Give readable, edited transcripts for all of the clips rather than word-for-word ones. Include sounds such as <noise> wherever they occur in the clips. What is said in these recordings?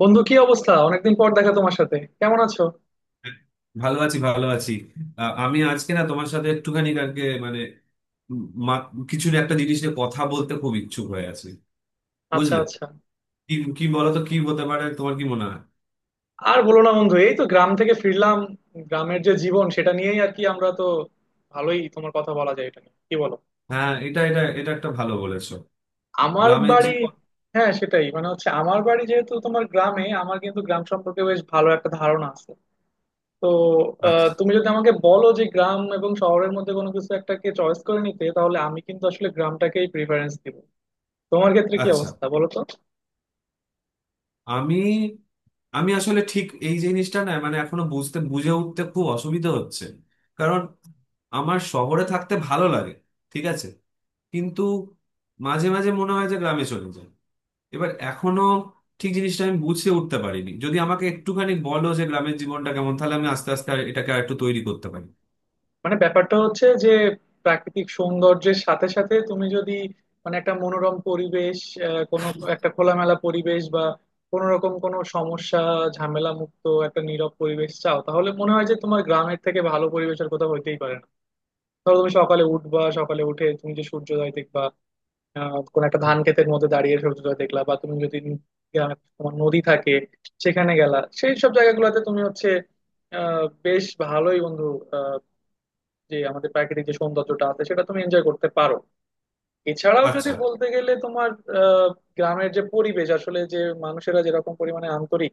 বন্ধু, কি অবস্থা? অনেকদিন পর দেখা তোমার সাথে। কেমন আছো? ভালো আছি, ভালো আছি। আমি আজকে না তোমার সাথে একটুখানি কালকে মানে উম, মা- কিছু না, একটা জিনিস নিয়ে কথা বলতে খুব ইচ্ছুক হয়ে আছি, আচ্ছা বুঝলে। আচ্ছা। কি কি বলো তো, কি হতে পারে? তোমার কি মনে হয়? আর বলো না বন্ধু, এই তো গ্রাম থেকে ফিরলাম। গ্রামের যে জীবন, সেটা নিয়েই আর কি আমরা তো ভালোই তোমার কথা বলা যায়, এটা নিয়ে কি বলো? হ্যাঁ, এটা এটা এটা একটা ভালো বলেছো। আমার গ্রামের বাড়ি, জীবন। হ্যাঁ সেটাই, মানে হচ্ছে আমার বাড়ি যেহেতু তোমার গ্রামে, আমার কিন্তু গ্রাম সম্পর্কে বেশ ভালো একটা ধারণা আছে। তো আচ্ছা, তুমি যদি আমাকে বলো যে গ্রাম এবং শহরের মধ্যে কোনো কিছু একটাকে চয়েস করে নিতে, তাহলে আমি কিন্তু আসলে গ্রামটাকেই প্রিফারেন্স দিব। তোমার ক্ষেত্রে কি আচ্ছা। অবস্থা বলো তো? আমি আমি আসলে ঠিক এই জিনিসটা না মানে এখনো বুঝে উঠতে খুব অসুবিধা হচ্ছে, কারণ আমার শহরে থাকতে ভালো লাগে। ঠিক আছে, কিন্তু মাঝে মাঝে মনে হয় যে গ্রামে চলে যায়। এবার এখনো ঠিক জিনিসটা আমি বুঝে উঠতে পারিনি। যদি আমাকে একটুখানি বলো যে গ্রামের জীবনটা কেমন, তাহলে আমি আস্তে আস্তে আর এটাকে আর একটু তৈরি করতে পারি। মানে ব্যাপারটা হচ্ছে যে, প্রাকৃতিক সৌন্দর্যের সাথে সাথে তুমি যদি, মানে একটা মনোরম পরিবেশ, কোনো একটা খোলামেলা পরিবেশ বা কোনো রকম কোনো সমস্যা, ঝামেলা মুক্ত একটা নীরব পরিবেশ চাও, তাহলে মনে হয় যে তোমার গ্রামের থেকে ভালো পরিবেশ আর কোথাও হইতেই পারে না। ধরো তুমি সকালে উঠবা, সকালে উঠে তুমি যে সূর্যোদয় দেখবা, কোনো একটা ধান ক্ষেতের মধ্যে দাঁড়িয়ে সূর্যোদয় দেখলা, বা তুমি যদি গ্রামে তোমার নদী থাকে সেখানে গেলা, সেই সব জায়গাগুলোতে তুমি হচ্ছে বেশ ভালোই বন্ধু, যে আমাদের প্রাকৃতিক যে সৌন্দর্যটা আছে সেটা তুমি এনজয় করতে পারো। এছাড়াও যদি আচ্ছা, বলতে গেলে তোমার আহ, গ্রামের যে পরিবেশ, আসলে যে মানুষেরা যেরকম পরিমাণে আন্তরিক,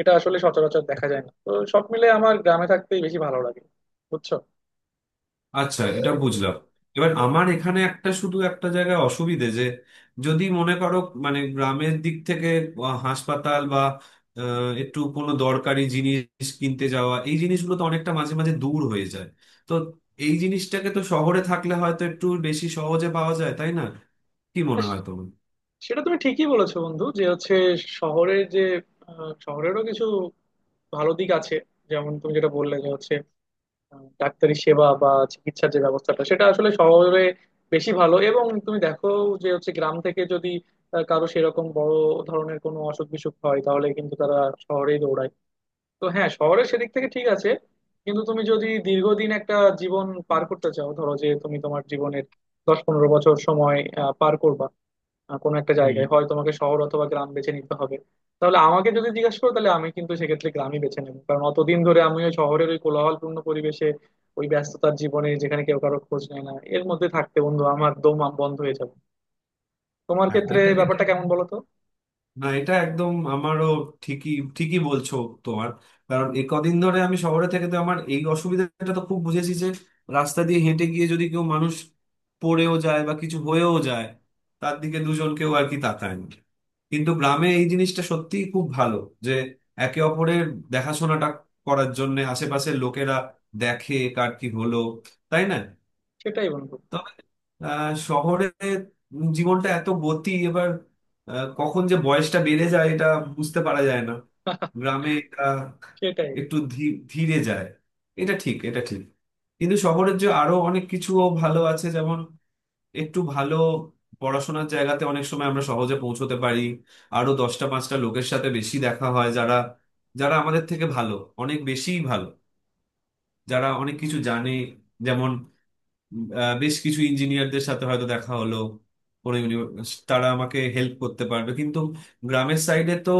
এটা আসলে সচরাচর দেখা যায় না। তো সব মিলে আমার গ্রামে থাকতেই বেশি ভালো লাগে, বুঝছো? আচ্ছা, এটা বুঝলাম। এবার আমার এখানে একটা, শুধু একটা জায়গায় অসুবিধে, যে যদি মনে করো মানে গ্রামের দিক থেকে হাসপাতাল বা একটু কোনো দরকারি জিনিস কিনতে যাওয়া, এই জিনিসগুলো তো অনেকটা মাঝে মাঝে দূর হয়ে যায়। তো এই জিনিসটাকে তো শহরে থাকলে হয়তো একটু বেশি সহজে পাওয়া যায়, তাই না? কি মনে হয় তোমার? সেটা তুমি ঠিকই বলেছো বন্ধু, যে হচ্ছে শহরের যে, শহরেরও কিছু ভালো দিক আছে। যেমন তুমি যেটা বললে যে হচ্ছে ডাক্তারি সেবা বা চিকিৎসার যে ব্যবস্থাটা, সেটা আসলে শহরে বেশি ভালো। এবং তুমি দেখো যে হচ্ছে গ্রাম থেকে যদি কারো সেরকম বড় ধরনের কোনো অসুখ বিসুখ হয়, তাহলে কিন্তু তারা শহরেই দৌড়ায়। তো হ্যাঁ, শহরে সেদিক থেকে ঠিক আছে। কিন্তু তুমি যদি দীর্ঘদিন একটা জীবন পার করতে চাও, ধরো যে তুমি তোমার জীবনের 10-15 বছর সময় পার করবা, কোনো একটা হুম। জায়গায় হয় তোমাকে শহর অথবা গ্রাম বেছে নিতে হবে, তাহলে আমাকে যদি জিজ্ঞাসা করো, তাহলে আমি কিন্তু সেক্ষেত্রে গ্রামই বেছে নেবো। কারণ অতদিন ধরে আমি ওই শহরের ওই কোলাহলপূর্ণ পরিবেশে, ওই ব্যস্ততার জীবনে যেখানে কেউ কারো খোঁজ নেয় না, এর মধ্যে থাকতে বন্ধু আমার দম বন্ধ হয়ে যাবে। তোমার হ্যাঁ, ক্ষেত্রে এটা এটা, ব্যাপারটা কেমন বলো তো? না এটা একদম আমারও ঠিকই ঠিকই বলছো তোমার। কারণ এ কদিন ধরে আমি শহরে থেকে তো আমার এই অসুবিধাটা তো খুব বুঝেছি যে রাস্তা দিয়ে হেঁটে গিয়ে যদি কেউ মানুষ পড়েও যায় বা কিছু হয়েও যায়, তার দিকে দুজন কেউ আর কি তাকায় না। কিন্তু গ্রামে এই জিনিসটা সত্যিই খুব ভালো, যে একে অপরের দেখাশোনাটা করার জন্য আশেপাশের লোকেরা দেখে কার কি হলো, তাই না? সেটাই বন্ধু। তবে শহরে জীবনটা এত গতি, এবার কখন যে বয়সটা বেড়ে যায় এটা বুঝতে পারা যায় না। <laughs> গ্রামে এটা সেটাই। একটু ধীরে যায়। এটা ঠিক, এটা ঠিক। কিন্তু শহরের যে আরো অনেক কিছু ভালো আছে, যেমন একটু ভালো পড়াশোনার জায়গাতে অনেক সময় আমরা সহজে পৌঁছতে পারি। আরো দশটা পাঁচটা লোকের সাথে বেশি দেখা হয় যারা যারা আমাদের থেকে ভালো, অনেক বেশিই ভালো, যারা অনেক কিছু জানে। যেমন বেশ কিছু ইঞ্জিনিয়ারদের সাথে হয়তো দেখা হলো, কোনো ইউনিভার্স, তারা আমাকে হেল্প করতে পারবে। কিন্তু গ্রামের সাইডে তো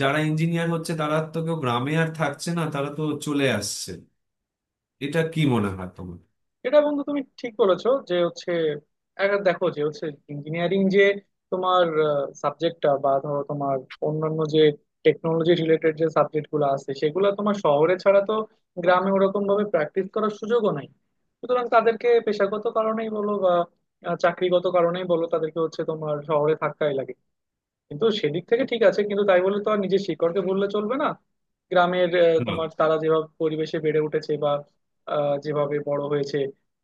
যারা ইঞ্জিনিয়ার হচ্ছে তারা তো কেউ গ্রামে আর থাকছে না, তারা তো চলে আসছে। এটা কি মনে হয় তোমার? এটা বন্ধু তুমি ঠিক বলেছো যে হচ্ছে, একবার দেখো যে হচ্ছে ইঞ্জিনিয়ারিং যে তোমার সাবজেক্টটা, বা ধরো তোমার অন্যান্য যে টেকনোলজি রিলেটেড যে সাবজেক্ট গুলো আছে, সেগুলো তোমার শহরে ছাড়া তো গ্রামে ওরকম ভাবে প্র্যাকটিস করার সুযোগও নাই। সুতরাং তাদেরকে পেশাগত কারণেই বলো বা চাকরিগত কারণেই বলো, তাদেরকে হচ্ছে তোমার শহরে থাকতেই লাগে। কিন্তু সেদিক থেকে ঠিক আছে, কিন্তু তাই বলে তো আর নিজের শিকড়কে ভুললে চলবে না। গ্রামের না। তোমার তারা যেভাবে পরিবেশে বেড়ে উঠেছে, বা যেভাবে বড় হয়েছে,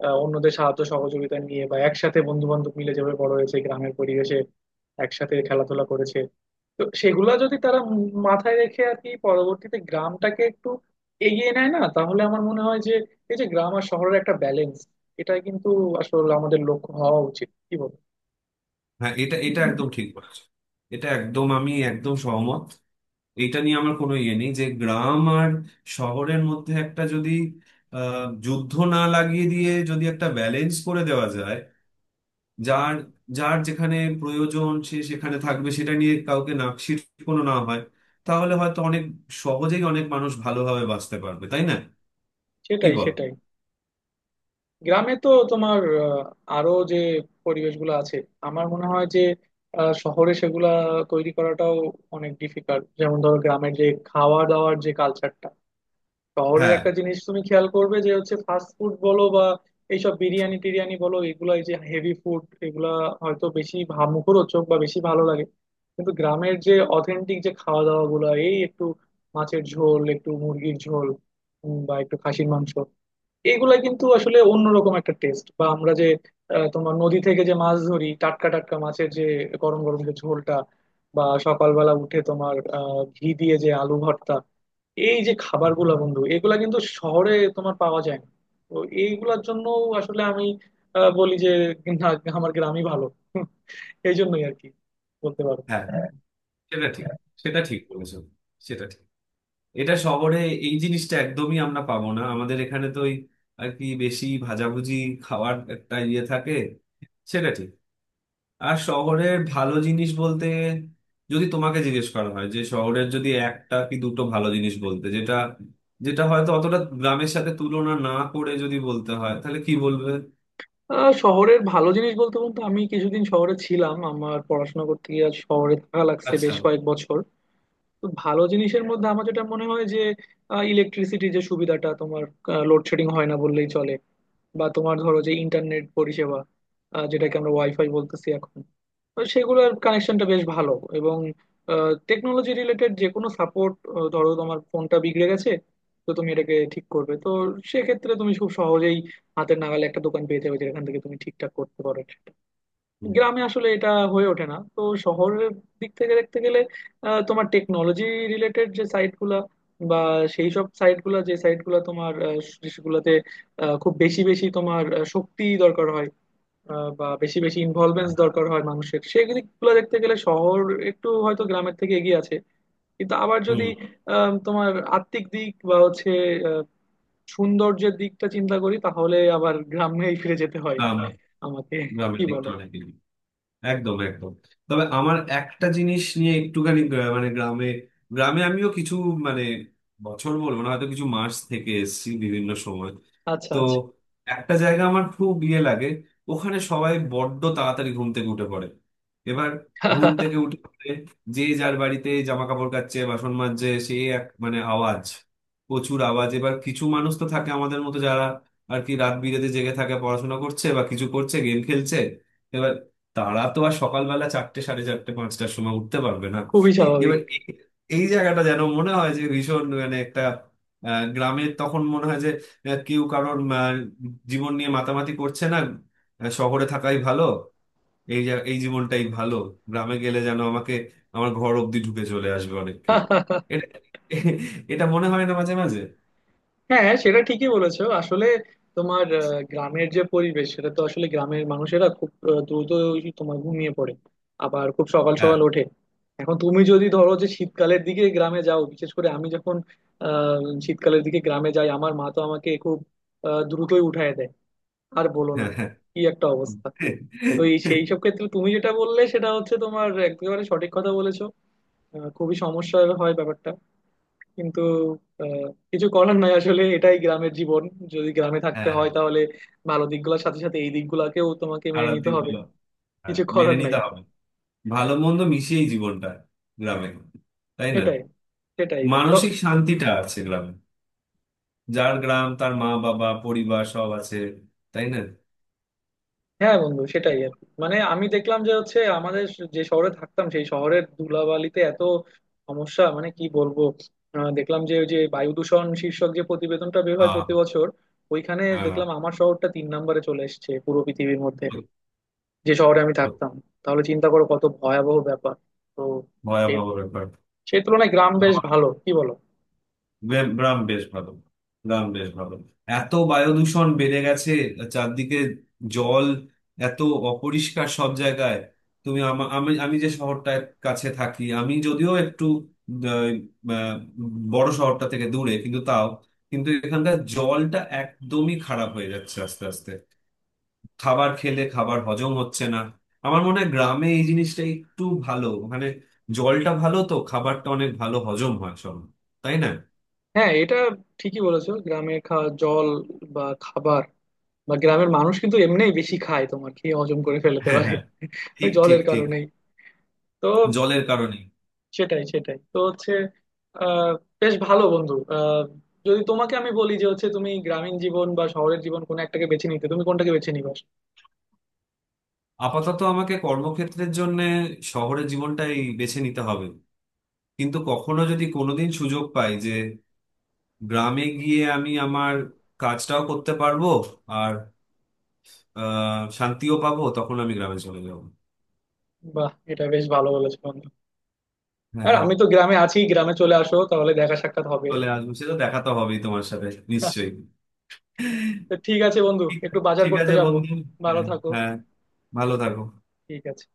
অন্যদের সাহায্য সহযোগিতা নিয়ে বা একসাথে বন্ধু বান্ধব মিলে যেভাবে বড় হয়েছে গ্রামের পরিবেশে, একসাথে খেলাধুলা করেছে, তো সেগুলা যদি তারা মাথায় রেখে আর কি পরবর্তীতে গ্রামটাকে একটু এগিয়ে নেয় না, তাহলে আমার মনে হয় যে এই যে গ্রাম আর শহরের একটা ব্যালেন্স, এটাই কিন্তু আসলে আমাদের লক্ষ্য হওয়া উচিত, কি বল? হ্যাঁ, এটা এটা একদম ঠিক বলেছো। এটা একদম, আমি একদম সহমত। এটা নিয়ে আমার কোনো ইয়ে নেই, যে গ্রাম আর শহরের মধ্যে একটা যদি যুদ্ধ না লাগিয়ে দিয়ে যদি একটা ব্যালেন্স করে দেওয়া যায়, যার যার যেখানে প্রয়োজন সে সেখানে থাকবে, সেটা নিয়ে কাউকে নাকশিট কোনো না হয়, তাহলে হয়তো অনেক সহজেই অনেক মানুষ ভালোভাবে বাঁচতে পারবে, তাই না? কি সেটাই বল? সেটাই। গ্রামে তো তোমার আরো যে পরিবেশগুলো আছে, আমার মনে হয় যে শহরে সেগুলা তৈরি করাটাও অনেক ডিফিকাল্ট। যেমন ধরো গ্রামের যে খাওয়া দাওয়ার যে কালচারটা, শহরের হ্যাঁ, একটা জিনিস তুমি খেয়াল করবে যে হচ্ছে ফাস্ট ফুড বলো বা এইসব বিরিয়ানি টিরিয়ানি বলো, এগুলা এই যে হেভি ফুড, এগুলা হয়তো বেশি মুখরোচক বা বেশি ভালো লাগে। কিন্তু গ্রামের যে অথেন্টিক যে খাওয়া দাওয়া গুলা, এই একটু মাছের ঝোল, একটু মুরগির ঝোল, বা একটু খাসির মাংস, এইগুলা কিন্তু আসলে অন্যরকম একটা টেস্ট। বা আমরা যে তোমার নদী থেকে যে মাছ ধরি, টাটকা টাটকা মাছের যে গরম গরম যে ঝোলটা, বা সকালবেলা উঠে তোমার ঘি দিয়ে যে আলু ভর্তা, এই যে খাবারগুলা বন্ধু, এগুলা কিন্তু শহরে তোমার পাওয়া যায় না। তো এইগুলার জন্য আসলে আমি বলি যে না, আমার গ্রামই ভালো। <laughs> এই জন্যই আর কি বলতে পারো। হ্যাঁ, হ্যাঁ, সেটা ঠিক। হ্যাঁ। সেটা ঠিক বলেছো, সেটা ঠিক। এটা শহরে এই জিনিসটা একদমই আমরা পাবো না। আমাদের এখানে তো ওই আর কি বেশি ভাজাভুজি খাওয়ার একটা ইয়ে থাকে। সেটা ঠিক। আর শহরের ভালো জিনিস বলতে, যদি তোমাকে জিজ্ঞেস করা হয় যে শহরের যদি একটা কি দুটো ভালো জিনিস বলতে, যেটা যেটা হয়তো অতটা গ্রামের সাথে তুলনা না করে যদি বলতে হয়, তাহলে কি বলবে? শহরের ভালো জিনিস বলতে বলতে, আমি কিছুদিন শহরে ছিলাম আমার পড়াশোনা করতে গিয়ে, আর শহরে থাকা লাগছে আচ্ছা। বেশ কয়েক বছর। তো ভালো জিনিসের মধ্যে আমার যেটা মনে হয় যে, ইলেকট্রিসিটি যে সুবিধাটা তোমার, লোডশেডিং হয় না বললেই চলে। বা তোমার ধরো যে ইন্টারনেট পরিষেবা, যেটাকে আমরা ওয়াইফাই বলতেছি এখন, তো সেগুলোর কানেকশনটা বেশ ভালো। এবং টেকনোলজি রিলেটেড যে কোনো সাপোর্ট, ধরো তোমার ফোনটা বিগড়ে গেছে, তো তুমি এটাকে ঠিক করবে তো, সেক্ষেত্রে তুমি খুব সহজেই হাতের নাগালে একটা দোকান পেয়ে যাবে যেখান থেকে তুমি ঠিকঠাক করতে পারো। হুম। গ্রামে আসলে এটা হয়ে ওঠে না। তো শহরের দিক থেকে দেখতে গেলে তোমার টেকনোলজি রিলেটেড যে সাইটগুলা, বা সেই সব সাইটগুলা, যে সাইটগুলা তোমার দেশগুলাতে খুব বেশি বেশি তোমার শক্তি দরকার হয়, বা বেশি বেশি ইনভলভমেন্ট দরকার হয় মানুষের, সেই দিকগুলো দেখতে গেলে শহর একটু হয়তো গ্রামের থেকে এগিয়ে আছে। কিন্তু আবার হুম। যদি তোমার আত্মিক দিক বা হচ্ছে আহ, সৌন্দর্যের দিকটা চিন্তা করি, তাহলে আবার গ্রামেই ফিরে যেতে হয় গ্রাম, আমাকে, কি গ্রামের দিকটা বলো? অনেক। একদম, একদম। তবে আমার একটা জিনিস নিয়ে একটুখানি, মানে গ্রামে, গ্রামে আমিও কিছু, মানে বছর বলবো না, হয়তো কিছু মাস থেকে এসেছি বিভিন্ন সময়। আচ্ছা তো একটা জায়গা আমার খুব ইয়ে লাগে, ওখানে সবাই বড্ড তাড়াতাড়ি ঘুম থেকে উঠে পড়ে। এবার, আচ্ছা। ঘুম থেকে উঠে পড়ে যে যার বাড়িতে জামা কাপড় কাচ্ছে, বাসন মাজছে, সে এক মানে আওয়াজ, প্রচুর আওয়াজ। এবার কিছু মানুষ তো থাকে আমাদের মতো যারা আর কি রাত বিরেতে জেগে থাকে, পড়াশোনা করছে বা কিছু করছে, গেম খেলছে। এবার তারা তো আর সকালবেলা চারটে সাড়ে চারটে পাঁচটার সময় উঠতে পারবে না। খুবই স্বাভাবিক। এবার এই জায়গাটা যেন মনে হয় যে ভীষণ মানে একটা গ্রামের, তখন মনে হয় যে কেউ কারোর জীবন নিয়ে মাতামাতি করছে না, শহরে থাকাই ভালো। এই জীবনটাই ভালো। গ্রামে গেলে যেন আমাকে আমার ঘর অব্দি ঢুকে চলে আসবে অনেক কেউ। এটা <laughs> এটা মনে হয় না মাঝে মাঝে? হ্যাঁ সেটা ঠিকই বলেছো আসলে। তোমার গ্রামের যে পরিবেশ, সেটা তো আসলে গ্রামের মানুষেরা খুব দ্রুত ওই তোমার ঘুমিয়ে পড়ে, আবার খুব সকাল হ্যাঁ, সকাল ওঠে। এখন তুমি যদি ধরো যে শীতকালের দিকে গ্রামে যাও, বিশেষ করে আমি যখন শীতকালের দিকে গ্রামে যাই, আমার মা তো আমাকে খুব দ্রুতই উঠায় দেয়। আর বলো না, হ্যাঁ। হ্যাঁ। কি একটা অবস্থা। তো এই সেই সব ক্ষেত্রে তুমি যেটা বললে সেটা হচ্ছে তোমার একেবারে সঠিক কথা বলেছো। খুবই সমস্যা হয় ব্যাপারটা, কিন্তু আহ, কিছু করার নাই। আসলে এটাই গ্রামের জীবন, যদি গ্রামে থাকতে হ্যাঁ, হয় তাহলে ভালো দিকগুলোর সাথে সাথে এই দিকগুলাকেও তোমাকে মেনে খারাপ নিতে হবে, দিকগুলো হ্যাঁ, কিছু মেনে করার নাই। নিতে হবে। ভালো মন্দ মিশিয়েই জীবনটা গ্রামে, তাই না? সেটাই সেটাই তো। মানসিক শান্তিটা আছে গ্রামে। যার গ্রাম তার মা বাবা পরিবার সব আছে, তাই না? হ্যাঁ বন্ধু, সেটাই আর কি। মানে আমি দেখলাম যে হচ্ছে আমাদের যে শহরে থাকতাম, সেই শহরের ধুলাবালিতে এত সমস্যা, মানে কি বলবো। দেখলাম যে ওই যে বায়ু দূষণ শীর্ষক যে প্রতিবেদনটা বের হয় প্রতি আহ, বছর, ওইখানে হ্যাঁ, দেখলাম আমার শহরটা 3 নম্বরে চলে এসেছে পুরো পৃথিবীর মধ্যে, যে শহরে আমি থাকতাম। তাহলে চিন্তা করো কত ভয়াবহ ব্যাপার। তো সে- ভয়াবহ ব্যাপার। সেই তুলনায় গ্রাম বেশ ভালো, কি বলো? গ্রাম গ্রাম বেশ ভালো। গ্রাম বেশ ভালো। এত বায়ু দূষণ বেড়ে গেছে চারদিকে। জল এত অপরিষ্কার সব জায়গায়। তুমি, আমি আমি যে শহরটার কাছে থাকি, আমি যদিও একটু আহ, আহ, বড় শহরটা থেকে দূরে, কিন্তু তাও, কিন্তু এখানকার জলটা একদমই খারাপ হয়ে যাচ্ছে আস্তে আস্তে। খাবার খেলে খাবার হজম হচ্ছে না। আমার মনে হয় গ্রামে এই জিনিসটা একটু ভালো, মানে জলটা ভালো তো খাবারটা অনেক ভালো হজম হয় সব, তাই না? হ্যাঁ এটা ঠিকই বলেছো। গ্রামে খাওয়া জল বা খাবার, বা গ্রামের মানুষ কিন্তু এমনিই বেশি খায়, তোমার খেয়ে হজম করে ফেলতে হ্যাঁ, পারে। হ্যাঁ। <laughs> ওই ঠিক ঠিক জলের ঠিক। কারণেই। তো জলের কারণেই। সেটাই সেটাই তো হচ্ছে। আহ বেশ ভালো বন্ধু, যদি তোমাকে আমি বলি যে হচ্ছে তুমি গ্রামীণ জীবন বা শহরের জীবন কোন একটাকে বেছে নিতে, তুমি কোনটাকে বেছে নিবা? আপাতত আমাকে কর্মক্ষেত্রের জন্য শহরের জীবনটাই বেছে নিতে হবে। কিন্তু কখনো যদি কোনোদিন সুযোগ পাই যে গ্রামে গিয়ে আমি আমার কাজটাও করতে পারবো আর শান্তিও পাবো, তখন আমি গ্রামে চলে যাবো। বাহ, এটা বেশ ভালো বলেছো বন্ধু। হ্যাঁ, আর হ্যাঁ। আমি তো গ্রামে আছি, গ্রামে চলে আসো তাহলে দেখা সাক্ষাৎ হবে। চলে আসবো, সে তো দেখা তো হবেই তোমার সাথে, নিশ্চয়ই। তো ঠিক আছে বন্ধু, ঠিক, একটু বাজার ঠিক করতে আছে যাব। বন্ধু। ভালো হ্যাঁ, থাকো। হ্যাঁ, ভালো থাকো। ঠিক আছে।